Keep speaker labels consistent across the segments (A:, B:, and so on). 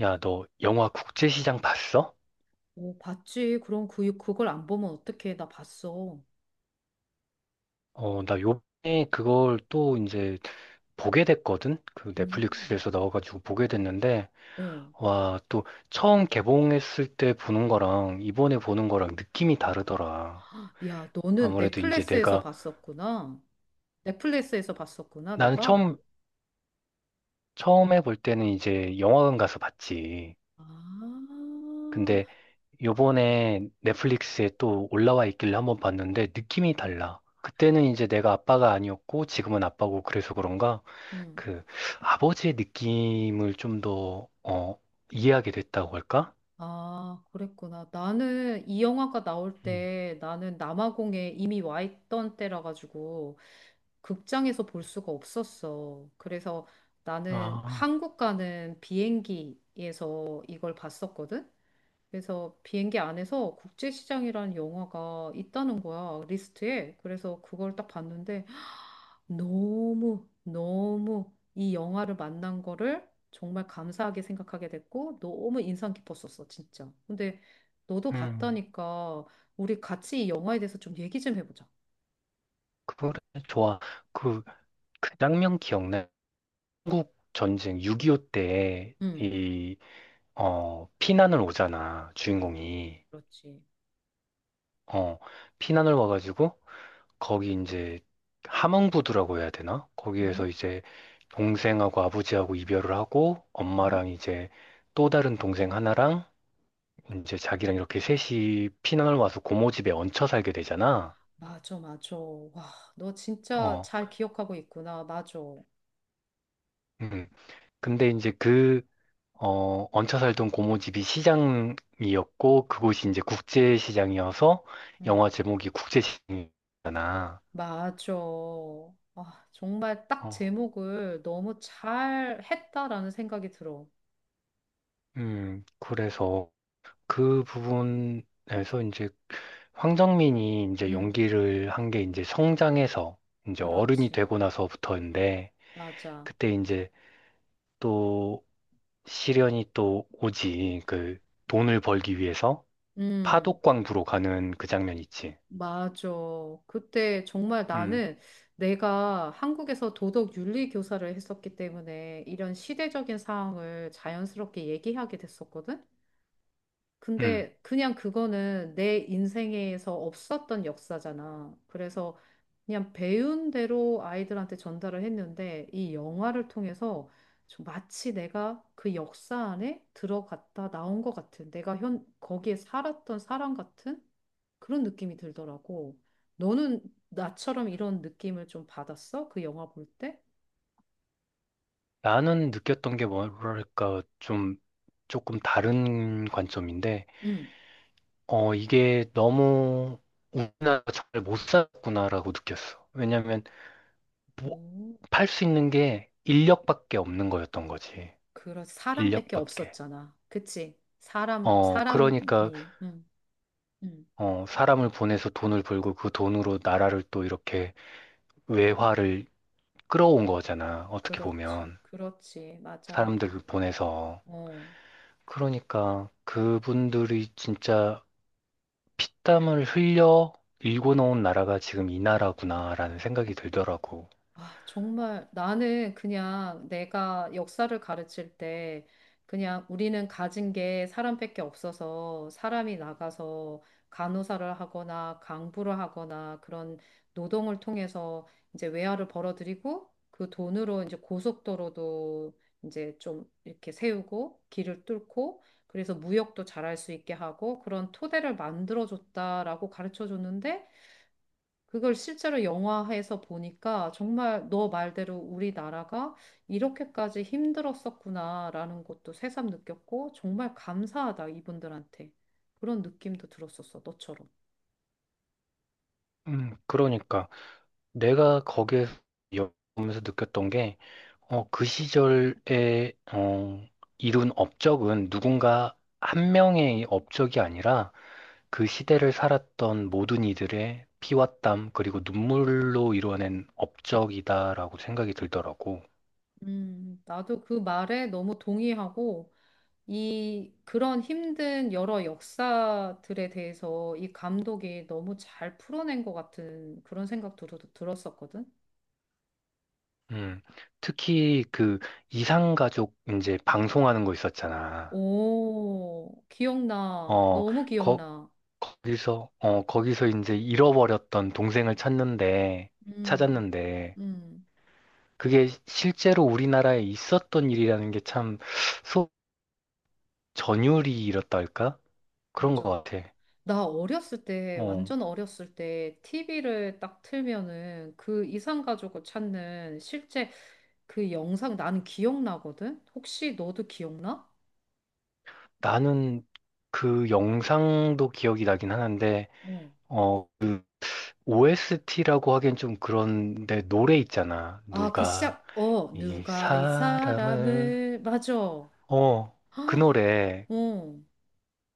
A: 야, 너 영화 국제시장 봤어?
B: 어, 봤지. 그럼 그걸 안 보면 어떡해. 나 봤어.
A: 나 요번에 그걸 또 이제 보게 됐거든? 그
B: 음.
A: 넷플릭스에서 나와가지고 보게 됐는데,
B: 어.
A: 와, 또 처음 개봉했을 때 보는 거랑 이번에 보는 거랑 느낌이 다르더라.
B: 야, 너는
A: 아무래도 이제
B: 넷플릭스에서 봤었구나. 넷플릭스에서 봤었구나,
A: 나는
B: 너가.
A: 처음, 처음에 볼 때는 이제 영화관 가서 봤지.
B: 아,
A: 근데 요번에 넷플릭스에 또 올라와 있길래 한번 봤는데 느낌이 달라. 그때는 이제 내가 아빠가 아니었고 지금은 아빠고 그래서 그런가?
B: 음.
A: 그 아버지의 느낌을 좀 더, 이해하게 됐다고 할까?
B: 아, 그랬구나. 나는 이 영화가 나올
A: 음.
B: 때 나는 남아공에 이미 와 있던 때라 가지고 극장에서 볼 수가 없었어. 그래서 나는
A: 아,
B: 한국 가는 비행기에서 이걸 봤었거든. 그래서 비행기 안에서 국제시장이라는 영화가 있다는 거야, 리스트에. 그래서 그걸 딱 봤는데, 너무, 너무 이 영화를 만난 거를 정말 감사하게 생각하게 됐고, 너무 인상 깊었었어, 진짜. 근데 너도
A: 음,
B: 봤다니까, 우리 같이 이 영화에 대해서 좀 얘기 좀 해보자.
A: 그거래, 좋아. 그, 그 장면 기억나? 한국 전쟁 6.25 때,
B: 응,
A: 피난을 오잖아,
B: 그렇,
A: 주인공이.
B: 그렇지.
A: 어, 피난을 와가지고, 거기 이제, 함흥부두라고 해야 되나?
B: 응,
A: 거기에서 이제, 동생하고 아버지하고 이별을 하고,
B: 응.
A: 엄마랑 이제, 또 다른 동생 하나랑, 이제 자기랑 이렇게 셋이 피난을 와서 고모 집에 얹혀 살게 되잖아.
B: 맞아, 맞아. 와, 너 진짜
A: 어,
B: 잘 기억하고 있구나. 맞아.
A: 음. 근데 이제 얹혀 살던 고모 집이 시장이었고, 그곳이 이제 국제시장이어서
B: 응.
A: 영화 제목이 국제시장이잖아.
B: 맞아. 아, 정말 딱
A: 어,
B: 제목을 너무 잘 했다라는 생각이 들어.
A: 그래서 그 부분에서 이제 황정민이 이제
B: 응,
A: 연기를 한 게 이제 성장해서 이제 어른이
B: 그렇지.
A: 되고 나서부터인데,
B: 맞아.
A: 그때 이제 또 시련이 또 오지. 그 돈을 벌기 위해서
B: 음,
A: 파독광부로 가는 그 장면 있지.
B: 맞아. 그때 정말
A: 음,
B: 나는 내가 한국에서 도덕 윤리 교사를 했었기 때문에 이런 시대적인 사항을 자연스럽게 얘기하게 됐었거든.
A: 음.
B: 근데 그냥 그거는 내 인생에서 없었던 역사잖아. 그래서 그냥 배운 대로 아이들한테 전달을 했는데 이 영화를 통해서 좀 마치 내가 그 역사 안에 들어갔다 나온 것 같은 내가 현 거기에 살았던 사람 같은 그런 느낌이 들더라고. 너는 나처럼 이런 느낌을 좀 받았어? 그 영화 볼 때?
A: 나는 느꼈던 게 뭐랄까 좀 조금 다른 관점인데,
B: 응.
A: 이게 너무 우리나라가 잘못 살았구나라고 느꼈어. 왜냐면 뭐,
B: 오,
A: 팔수 있는 게 인력밖에 없는 거였던 거지.
B: 그런 사람밖에
A: 인력밖에.
B: 없었잖아. 그치? 사람,
A: 그러니까,
B: 사람이. 응. 응.
A: 사람을 보내서 돈을 벌고 그 돈으로 나라를 또 이렇게 외화를 끌어온 거잖아. 어떻게
B: 그렇지,
A: 보면.
B: 그렇지, 맞아.
A: 사람들 보내서.
B: 어.
A: 그러니까 그분들이 진짜 피땀을 흘려 일궈 놓은 나라가 지금 이 나라구나라는 생각이 들더라고.
B: 아, 정말 나는 그냥 내가 역사를 가르칠 때 그냥 우리는 가진 게 사람밖에 없어서 사람이 나가서 간호사를 하거나 강부를 하거나 그런 노동을 통해서 이제 외화를 벌어들이고 그 돈으로 이제 고속도로도 이제 좀 이렇게 세우고 길을 뚫고 그래서 무역도 잘할 수 있게 하고 그런 토대를 만들어줬다라고 가르쳐 줬는데 그걸 실제로 영화에서 보니까 정말 너 말대로 우리나라가 이렇게까지 힘들었었구나라는 것도 새삼 느꼈고 정말 감사하다 이분들한테 그런 느낌도 들었었어 너처럼.
A: 그러니까 내가 거기에서 보면서 느꼈던 게, 그 시절에, 이룬 업적은 누군가 한 명의 업적이 아니라 그 시대를 살았던 모든 이들의 피와 땀, 그리고 눈물로 이루어낸 업적이다라고 생각이 들더라고.
B: 나도 그 말에 너무 동의하고 이 그런 힘든 여러 역사들에 대해서 이 감독이 너무 잘 풀어낸 것 같은 그런 생각도 들었었거든.
A: 음, 특히 그 이상가족 이제 방송하는 거 있었잖아.
B: 오, 기억나.
A: 어,
B: 너무
A: 거,
B: 기억나.
A: 거기서 이제 잃어버렸던 동생을 찾는데,
B: 음,
A: 찾았는데,
B: 음.
A: 그게 실제로 우리나라에 있었던 일이라는 게 참, 소, 전율이 이렇다 할까? 그런 것
B: 맞아.
A: 같아.
B: 나 어렸을 때,
A: 어.
B: 완전 어렸을 때, TV를 딱 틀면은 그 이상가족을 찾는 실제 그 영상 나는 기억나거든? 혹시 너도 기억나?
A: 나는 그 영상도 기억이 나긴 하는데,
B: 어.
A: 어, OST라고 하기엔 좀 그런데 노래 있잖아.
B: 아, 그
A: 누가
B: 시작, 어,
A: 이
B: 누가 이
A: 사람을,
B: 사람을, 맞아. 어.
A: 어, 그 노래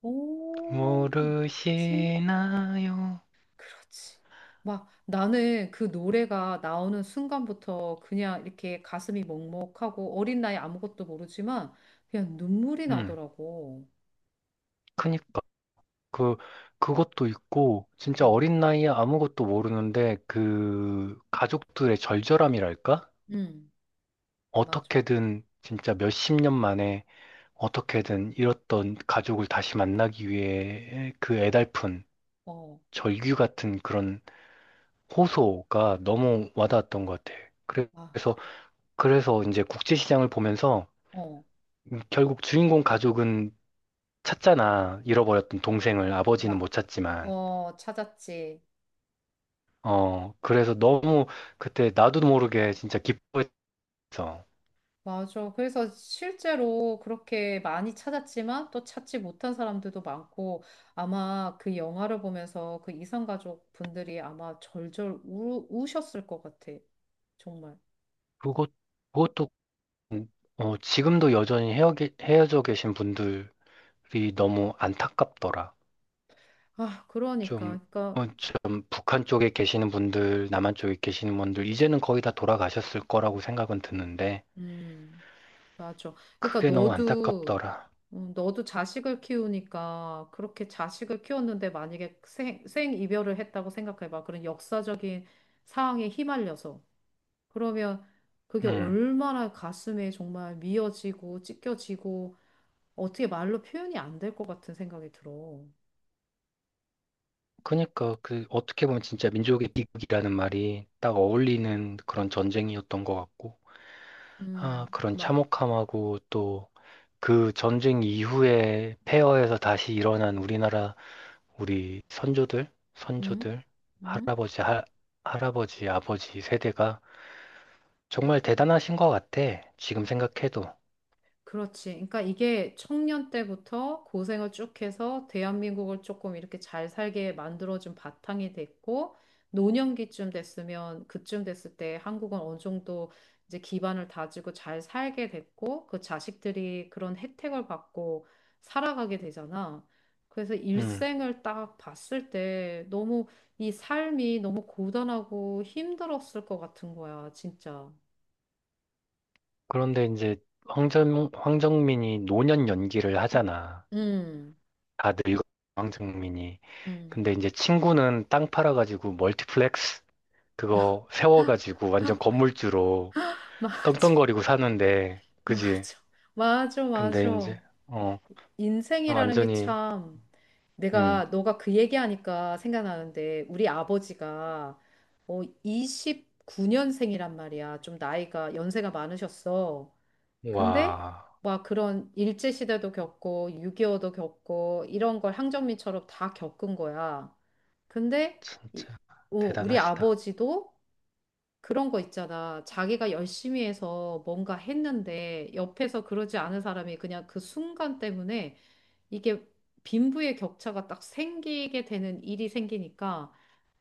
B: 오,
A: 모르시나요?
B: 그렇지. 막 나는 그 노래가 나오는 순간부터 그냥 이렇게 가슴이 먹먹하고 어린 나이 아무것도 모르지만 그냥 눈물이
A: 음,
B: 나더라고.
A: 그니까. 그, 그것도 있고, 진짜
B: 응,
A: 어린 나이에 아무것도 모르는데, 그 가족들의 절절함이랄까?
B: 응, 맞아.
A: 어떻게든 진짜 몇 십 년 만에 어떻게든 잃었던 가족을 다시 만나기 위해 그 애달픈
B: 어,
A: 절규 같은 그런 호소가 너무 와닿았던 것 같아.
B: 아,
A: 그래서, 그래서 이제 국제시장을 보면서
B: 어,
A: 결국 주인공 가족은 찾잖아. 잃어버렸던 동생을 아버지는 못
B: 막,
A: 찾지만.
B: 어, 찾았지.
A: 그래서 너무 그때 나도 모르게 진짜 기뻐했어.
B: 맞아. 그래서 실제로 그렇게 많이 찾았지만 또 찾지 못한 사람들도 많고 아마 그 영화를 보면서 그 이산가족 분들이 아마 절절 우셨을 것 같아. 정말.
A: 그것, 그것도, 음, 지금도 여전히 헤어져 계신 분들이 너무 안타깝더라.
B: 아, 그러니까,
A: 좀,
B: 그러니까,
A: 좀 북한 쪽에 계시는 분들, 남한 쪽에 계시는 분들, 이제는 거의 다 돌아가셨을 거라고 생각은 드는데,
B: 음, 맞아. 그러니까
A: 그게 너무
B: 너도,
A: 안타깝더라.
B: 음, 너도 자식을 키우니까 그렇게 자식을 키웠는데 만약에 생 이별을 했다고 생각해봐. 그런 역사적인 상황에 휘말려서. 그러면 그게
A: 음.
B: 얼마나 가슴에 정말 미어지고 찢겨지고 어떻게 말로 표현이 안 될 것 같은 생각이 들어.
A: 그니까, 어떻게 보면 진짜 민족의 비극이라는 말이 딱 어울리는 그런 전쟁이었던 것 같고, 아, 그런
B: 막,
A: 참혹함하고 또 그 전쟁 이후에 폐허에서 다시 일어난 우리나라, 우리
B: 음,
A: 선조들,
B: 음.
A: 할아버지, 할 할아버지, 아버지 세대가 정말 대단하신 것 같아. 지금 생각해도.
B: 그렇지. 그러니까 이게 청년 때부터 고생을 쭉 해서 대한민국을 조금 이렇게 잘 살게 만들어준 바탕이 됐고, 노년기쯤 됐으면, 그쯤 됐을 때 한국은 어느 정도 이제 기반을 다지고 잘 살게 됐고, 그 자식들이 그런 혜택을 받고 살아가게 되잖아. 그래서
A: 음.
B: 일생을 딱 봤을 때 너무 이 삶이 너무 고단하고 힘들었을 것 같은 거야, 진짜.
A: 그런데 이제 황정민이 노년 연기를 하잖아.
B: 음,
A: 다 늙은 황정민이.
B: 음.
A: 근데 이제 친구는 땅 팔아가지고 멀티플렉스 그거 세워가지고 완전 건물주로
B: 맞아.
A: 떵떵거리고 사는데, 그지?
B: 맞아. 맞아,
A: 근데
B: 맞아.
A: 이제, 어,
B: 인생이라는 게
A: 완전히,
B: 참,
A: 음,
B: 내가, 너가 그 얘기하니까 생각나는데, 우리 아버지가, 29년생이란 말이야. 좀 나이가, 연세가 많으셨어. 근데,
A: 와,
B: 막 그런 일제시대도 겪고, 6.25도 겪고, 이런 걸 항정민처럼 다 겪은 거야. 근데, 이-
A: 진짜
B: 우리
A: 대단하시다.
B: 아버지도 그런 거 있잖아. 자기가 열심히 해서 뭔가 했는데 옆에서 그러지 않은 사람이 그냥 그 순간 때문에 이게 빈부의 격차가 딱 생기게 되는 일이 생기니까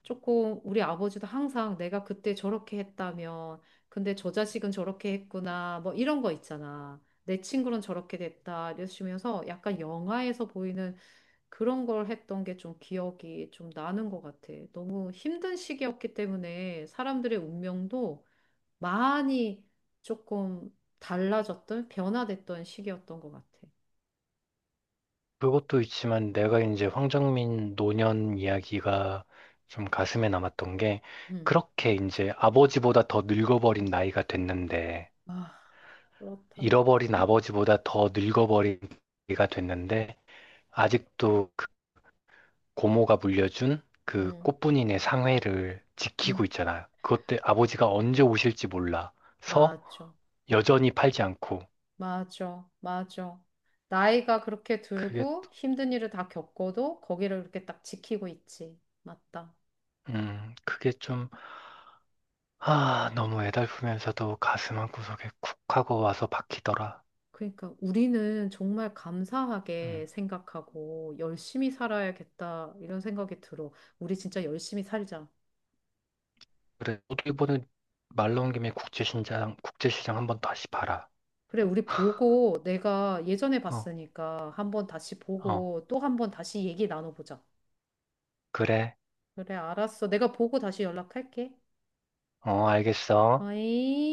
B: 조금 우리 아버지도 항상 내가 그때 저렇게 했다면 근데 저 자식은 저렇게 했구나 뭐 이런 거 있잖아. 내 친구는 저렇게 됐다 이러시면서 약간 영화에서 보이는 그런 걸 했던 게 좀 기억이 좀 나는 것 같아. 너무 힘든 시기였기 때문에 사람들의 운명도 많이 조금 달라졌던, 변화됐던 시기였던 것 같아.
A: 그것도 있지만 내가 이제 황정민 노년 이야기가 좀 가슴에 남았던 게
B: 음.
A: 그렇게 이제 아버지보다 더 늙어버린 나이가 됐는데
B: 아, 그렇다.
A: 잃어버린 아버지보다 더 늙어버린 나이가 됐는데 아직도 그 고모가 물려준 그
B: 음,
A: 꽃분이네 상회를 지키고
B: 음,
A: 있잖아. 그것 때 아버지가 언제 오실지 몰라서
B: 맞아.
A: 여전히 팔지 않고
B: 맞아. 맞아. 나이가 그렇게
A: 그게
B: 들고 힘든 일을 다 겪어도 거기를 이렇게 딱 지키고 있지. 맞다.
A: 음 그게 아, 너무 애달프면서도 가슴 한구석에 쿡 하고 와서 박히더라.
B: 그러니까 우리는 정말 감사하게
A: 음.
B: 생각하고 열심히 살아야겠다 이런 생각이 들어. 우리 진짜 열심히 살자.
A: 그래, 너도 이번에 말 나온 김에 국제시장, 국제시장 한번 다시 봐라.
B: 그래, 우리 보고 내가 예전에
A: 어,
B: 봤으니까 한번 다시
A: 어,
B: 보고 또 한번 다시 얘기 나눠보자.
A: 그래.
B: 그래, 알았어. 내가 보고 다시 연락할게.
A: 어, 알겠어.
B: 어이?